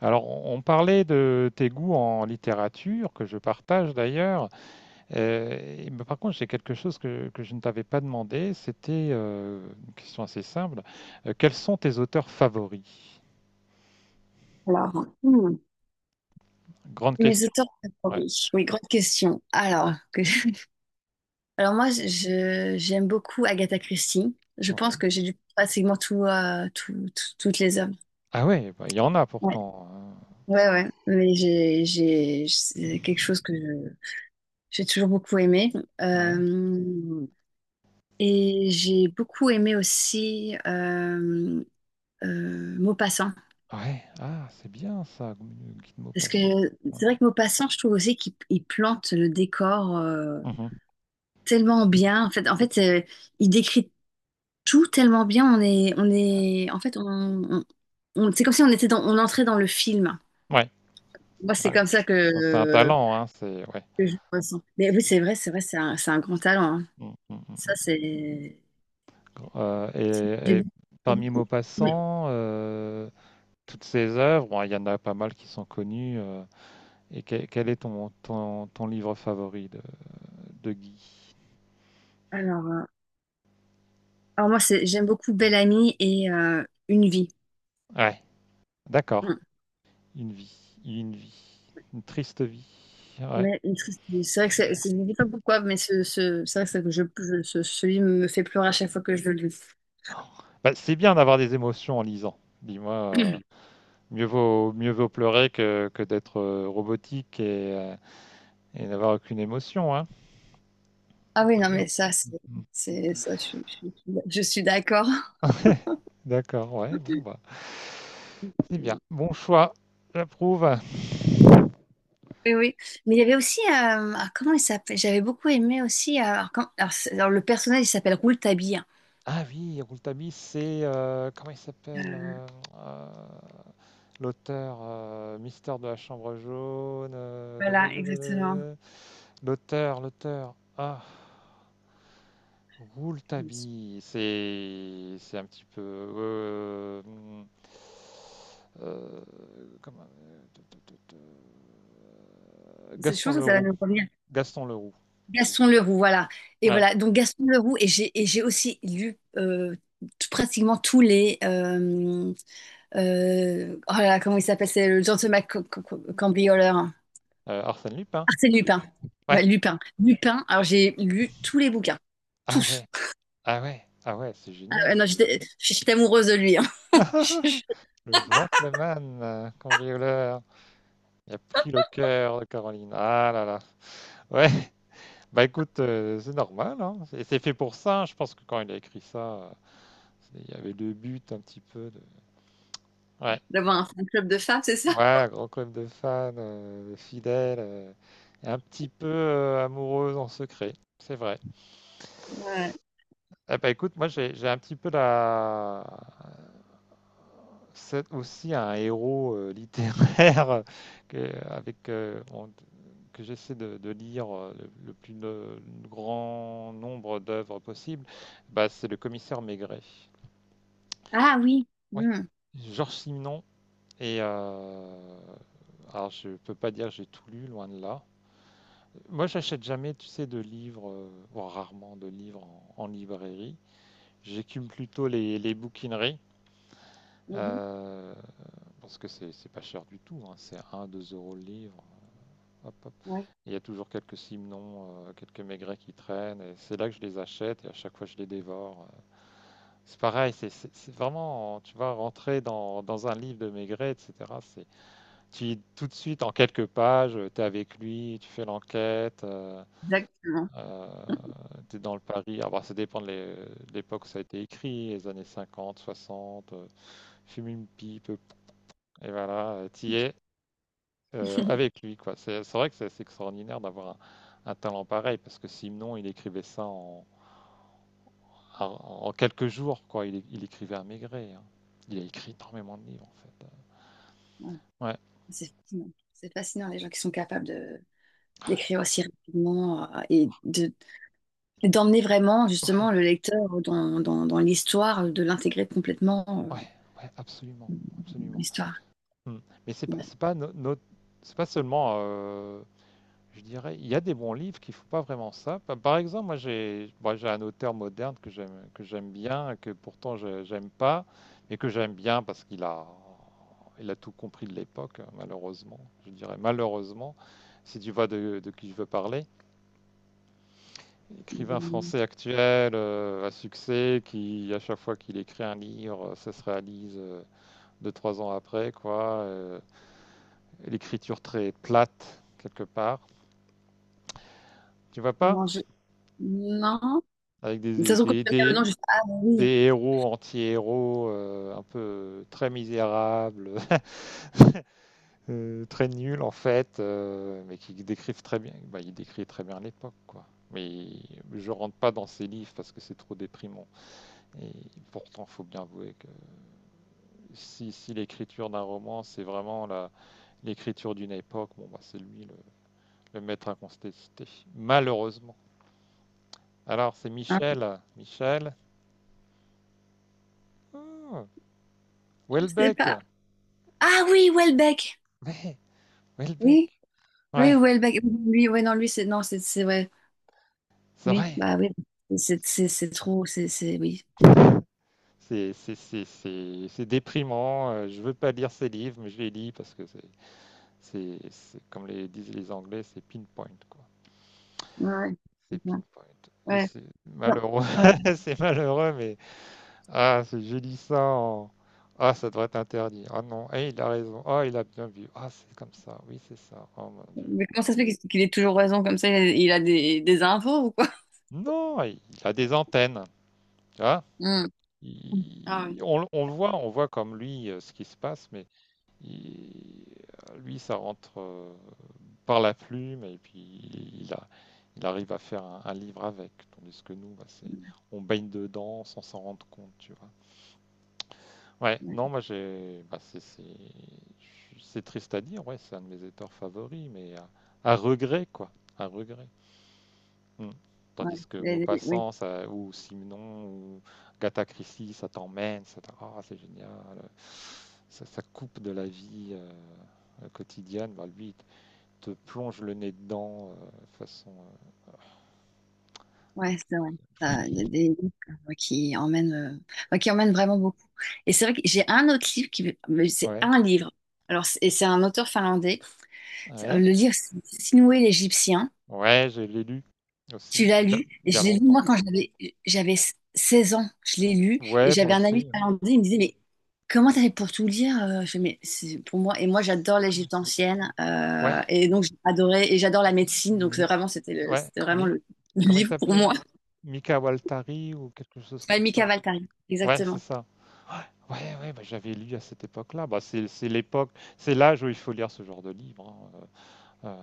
Alors, on parlait de tes goûts en littérature, que je partage d'ailleurs. Euh, mais par contre, j'ai quelque chose que je ne t'avais pas demandé. C'était une question assez simple. Quels sont tes auteurs favoris? Alors, Grande mes question. auteurs Ouais. favoris. Oui, grande question. Alors moi, j'aime beaucoup Agatha Christie. Je pense Ouais. que j'ai lu pratiquement tout, toutes les œuvres. Ah ouais, bah, il y en a Ouais, pourtant, hein. ouais, ouais. Mais j'ai, c'est quelque chose j'ai toujours beaucoup aimé. Ouais. Euh, et j'ai beaucoup aimé aussi Maupassant. Ouais. Ah, c'est bien ça, Guy de Parce que Maupassant. Ouais. c'est vrai que Maupassant, je trouve aussi qu'il il plante le décor, Mhm. tellement bien. En fait, il décrit tout tellement bien. On est, en fait, c'est comme si on était dans, on entrait dans le film. Ouais. Moi, c'est Ouais, comme ça ça, c'est un talent, hein. C'est ouais. que je le ressens. Mais oui, c'est vrai, c'est un grand talent, hein. Mm, mm, mm, Ça, mm. c'est, j'ai et beaucoup. j'ai parmi beaucoup- mais Maupassant, toutes ses œuvres. Bon, il y en a pas mal qui sont connues, quel est ton, ton livre favori de Guy? alors, alors moi, j'aime beaucoup Belle Amie et Une vie. Ouais, d'accord. Hum. Une vie, une vie, une triste vie. Ouais. Ouais, une triste vie. C'est vrai que je ne sais pas pourquoi, mais c'est vrai que, c'est que je- ce- celui me fait pleurer à chaque fois que je le Bah, c'est bien d'avoir des émotions en lisant. Dis-moi, euh, lis. Mieux vaut pleurer que d'être robotique et n'avoir aucune émotion, hein. Ah C'est oui, pas non, bien. mais ça, c'est, Mhm. c'est- ça, je suis d'accord. D'accord, ouais, bon, bah, c'est bien. Bon choix, j'approuve. Oui, oui. Mais il y avait aussi, ah, comment il s'appelle? J'avais beaucoup aimé aussi, le personnage, il s'appelle Rouletabille. Ah oui, Rouletabille, c'est comment il s'appelle Euh, euh, l'auteur, Mystère de la Chambre jaune, da, da, voilà, da, da, exactement. da. L'auteur, l'auteur. Ah, C'est- Rouletabille, c'est un petit peu euh, comment, Je Gaston pense que ça va Leroux, nous revenir. Gaston Leroux. Gaston Leroux, voilà. Et Ouais, voilà, donc Gaston Leroux, et j'ai aussi lu pratiquement tous les... oh là là, comment il s'appelle? C'est le gentleman cambrioleur. Arsène Lupin. Arsène Lupin. Ouais. Lupin. Alors, j'ai lu tous les bouquins. Ah ouais, Tous. ah ouais, ah ouais, c'est Ah, génial ouais, non, ça. J'étais amoureuse de lui, hein. Le gentleman cambrioleur, il a pris le cœur de Caroline. Ah là là. Ouais, bah écoute, c'est normal, hein. C'est fait pour ça. Je pense que quand il a écrit ça, il y avait le but un petit peu. De. Ouais, D'avoir un fan club de femmes, c'est ça? ouais, grand club de fans, de fidèles, et un petit peu amoureuse en secret. C'est vrai. Ouais. Eh bah écoute, moi j'ai un petit peu la, c'est aussi un héros littéraire que, avec, que j'essaie de lire le plus no- le grand nombre d'œuvres possible, bah, c'est le commissaire Maigret. Ah oui. Oui. Hmm. Georges Simenon. Et alors, je peux pas dire que j'ai tout lu, loin de là. Moi, j'achète jamais, tu sais, de livres, voire rarement de livres en librairie. J'écume plutôt les bouquineries. Mhm. Euh, Parce que c'est pas cher du tout, hein, c'est 1 deux euros le livre. Hop, hop. Ouais, Il y a toujours quelques simnons, quelques maigrets qui traînent, et c'est là que je les achète, et à chaque fois je les dévore. C'est pareil, c'est vraiment, tu vois, rentrer dans un livre de Maigret, etc. c'est- tout de suite, en quelques pages, tu es avec lui, tu fais l'enquête, exactement. euh, tu es dans le Paris. Alors, bah, ça dépend de l'époque où ça a été écrit, les années 50, 60, fume une pipe, et voilà, t'y es, avec lui, quoi. C'est vrai que c'est assez extraordinaire d'avoir un talent pareil, parce que sinon, il écrivait ça en- en quelques jours, quoi. Il écrivait à Maigret, hein. Il a écrit énormément de livres, en fait. Ouais. Ouais, C'est fascinant. C'est fascinant, les gens qui sont capables de d'écrire aussi rapidement et de d'emmener vraiment ouais, justement le lecteur dans l'histoire, de l'intégrer complètement, ouais, ouais, absolument, euh, dans absolument. l'histoire. Mm. Mais Ouais. C'est pas seulement je dirais, il y a des bons livres qui font pas vraiment ça. Par exemple, moi j'ai bon, j'ai un auteur moderne que j'aime bien, que pourtant j'aime pas, mais que j'aime bien parce qu'il a tout compris de l'époque, hein, malheureusement. Je dirais malheureusement, si tu vois de qui je veux parler. Écrivain français actuel à succès qui, à chaque fois qu'il écrit un livre, ça se réalise deux, trois ans après, quoi. L'écriture très plate, quelque part. Tu vois pas? Non, je... non. Avec De toute façon, quand tu vas me dire le nom, je fais: ah bah des oui, héros anti-héros un peu très misérables, très nuls en fait, mais qui décrivent très bien. Bah, il décrit très bien l'époque, quoi. Mais je rentre pas dans ses livres parce que c'est trop déprimant. Et pourtant, faut bien avouer que si l'écriture d'un roman, c'est vraiment l'écriture d'une époque, bon, bah, c'est lui le maître incontesté. Malheureusement. Alors, c'est hein, Michel. Michel. Oh, je sais Houellebecq. pas. Ah oui, Welbeck. Mais Oui, Houellebecq. oui, Ouais, Welbeck. Lui, ouais, non, lui, c'est non, c'est ouais. c'est Oui, vrai. bah oui. C'est trop, c'est oui. C'est déprimant. Je veux pas lire ces livres, mais je les lis parce que comme les disent les Anglais, c'est pinpoint, quoi. Ouais, ouais, C'est c'est ça. pinpoint. Et Ouais. c'est Non. malheureux. Ouais. C'est malheureux, mais je lis ça en. Ah, ça devrait être interdit. Ah non, eh, il a raison. Ah, il a bien vu. Ah, c'est comme ça. Oui, c'est ça. Oh mon Dieu. Mais comment ça se fait qu'il ait toujours raison comme ça? Il a des infos ou quoi? Non, il a des antennes. Tu vois? Hmm. Ah oui. On le voit, on voit comme lui ce qui se passe, mais il- lui, ça rentre par la plume et puis il arrive à faire livre avec. Tandis que nous, bah, c'est, on baigne dedans sans s'en rendre compte, tu vois. Ouais, Ouais. non, moi j'ai, bah, c'est triste à dire, ouais, c'est un de mes auteurs favoris, mais regret, quoi, à regret. Mm. Ouais. Tandis que Oui. Maupassant, ça, ou Simon, ou Gata Christie, ça t'emmène, ça oh, c'est génial, coupe de la vie quotidienne, bah, lui, il te plonge le nez dedans de façon Ouais, c'est vrai. Ça, il y a des livres comme ça qui emmènent, ouais, qui emmènent vraiment beaucoup. Et c'est vrai que j'ai un autre livre qui, mais c'est Ouais, un livre. Et c'est un auteur finlandais. Ouais, Le livre, c'est Sinuhe l'Égyptien. ouais, je l'ai lu aussi, Tu l'as mais lu. Et il y a je l'ai lu, moi, longtemps. quand j'avais 16 ans. Je l'ai lu. Et Ouais, moi j'avais un ami aussi. Finlandais. Il me disait, mais comment t'avais pour tout lire? Je fais, mais c'est pour moi. Et moi, j'adore Comment il l'Égypte s'appelle. ancienne, Ouais, et donc, j'ai adoré. Et j'adore la c'est médecine. Donc, c'est Mi- vraiment, ouais, c'était vraiment Mi- le comment il livre pour moi. s'appelait? Mika Waltari ou quelque chose Ouais, comme Mika ça. Waltari, Ouais, c'est exactement. ça. Ouais, ouais, ouais, bah, j'avais lu à cette époque-là. Bah, c'est l'époque, c'est l'âge où il faut lire ce genre de livre, hein,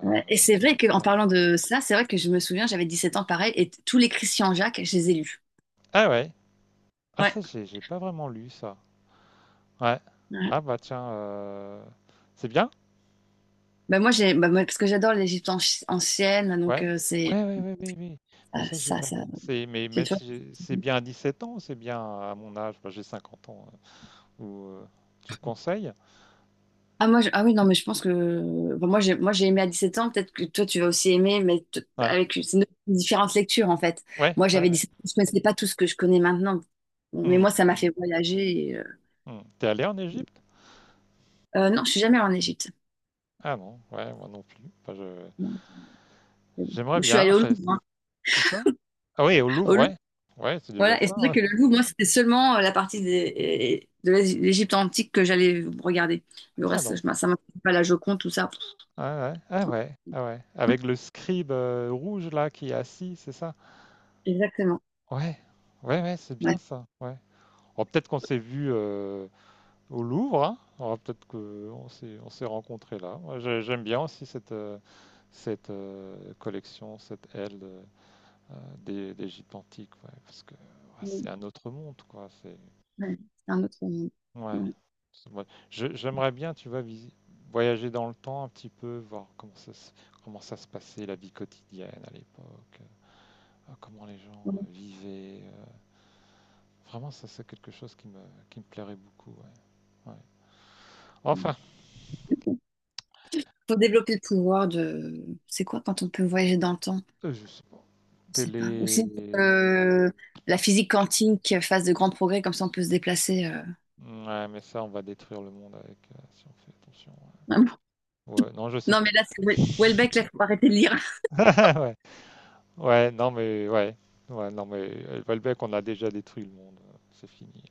Ouais, et c'est vrai qu'en ouais. parlant de ça, c'est vrai que je me souviens, j'avais 17 ans pareil, et tous les Christian Jacques, je les ai lus. Ah ouais, ah Ouais, ça, j'ai pas vraiment lu ça. Ouais. ouais. Ah bah tiens, c'est bien. Moi, parce que j'adore ancienne, donc Ouais. C'est Ouais, ouais, ouais, ouais, ouais. Mais ah, ça, j'ai ça, pas ça. lu. Mais J'ai même toujours- si c'est bien à 17 ans, c'est bien à mon âge, bah, j'ai 50 ans. Ou, euh, tu me conseilles? ah, ah oui, non, mais je pense que, moi, j'ai aimé à 17 ans, peut-être que toi, tu vas aussi aimer, mais t- Ouais, avec c'est une- différentes lectures, en fait. ouais, Moi, ouais, j'avais ouais. 17 ans, je ne connaissais pas tout ce que je connais maintenant, mais moi, Hmm, ça m'a fait hmm, voyager, et, euh, hmm. T'es allé en Égypte? euh, non, je suis jamais allée en Égypte. Ah non, ouais, moi non plus. Enfin, Non, c'est bon. j'aimerais Je suis allée bien. au Louvre, Ça. hein. Où ça? Ah oui, au Louvre, Au... ouais. Ouais, c'est déjà voilà, et c'est ça, vrai ouais. que le Louvre, moi, c'était seulement la partie de l'Égypte antique que j'allais regarder. Le Tiens reste, donc. Ça m'intéresse pas, la Joconde, tout ça. Ah ouais, ah ouais, ah ouais. Avec le scribe rouge là qui est assis, c'est ça? Exactement. Ouais, ouais, ouais, c'est bien Ouais. ça. Ouais. Oh, peut-être qu'on s'est vu au Louvre, hein. Alors, peut-être qu'on s'est, on s'est rencontrés là. Moi, j'aime bien aussi cette collection, cette des gîtes antiques, ouais, parce que ouais, Mm, c'est un autre monde, quoi. C'est, ouais, c'est un autre monde. ouais. Ouais. Ouais. J'aimerais bien, tu vois, voyager dans le temps un petit peu, voir comment ça se passait, la vie quotidienne à l'époque, comment les gens vivaient. Vraiment, ça, c'est quelque chose qui me plairait beaucoup, ouais. Ouais. Ouais. Enfin, Faut développer le pouvoir de... C'est quoi quand on peut voyager dans le temps? Je sais pas. Je sais pas. Aussi, Télé, la physique quantique fasse de grands progrès, comme ça on peut se déplacer. Ouais, mais ça, on va détruire le monde avec si on fait attention. Ah bon. Ouais, ouais, non, je sais Non, pas. mais là, c'est Houellebecq, là, faut arrêter de lire. Ouais. Ouais, non, mais ouais. Ouais, non, mais Valbec, on a déjà détruit le monde. C'est fini.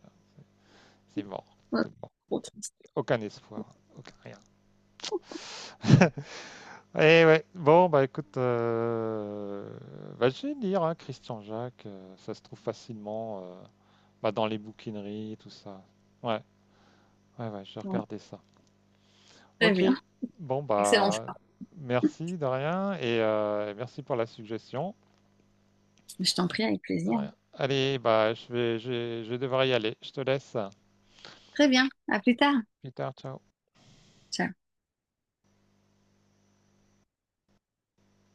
C'est mort. Ouais, C'est mort. trop triste. Aucun espoir. Aucun rien. Eh ouais. Bon, bah écoute, bah, je vais lire, hein, Christian Jacques, ça se trouve facilement bah, dans les bouquineries et tout ça. Ouais, ouais, ouais, j'ai Ouais. regardé ça. Très Ok, bien. bon Excellent bah choix. merci Darien et merci pour la suggestion. Je t'en prie, avec plaisir. Darien. Allez, bah je vais devoir y aller. Je te laisse. Très bien, à plus tard. Plus tard, ciao. Ciao.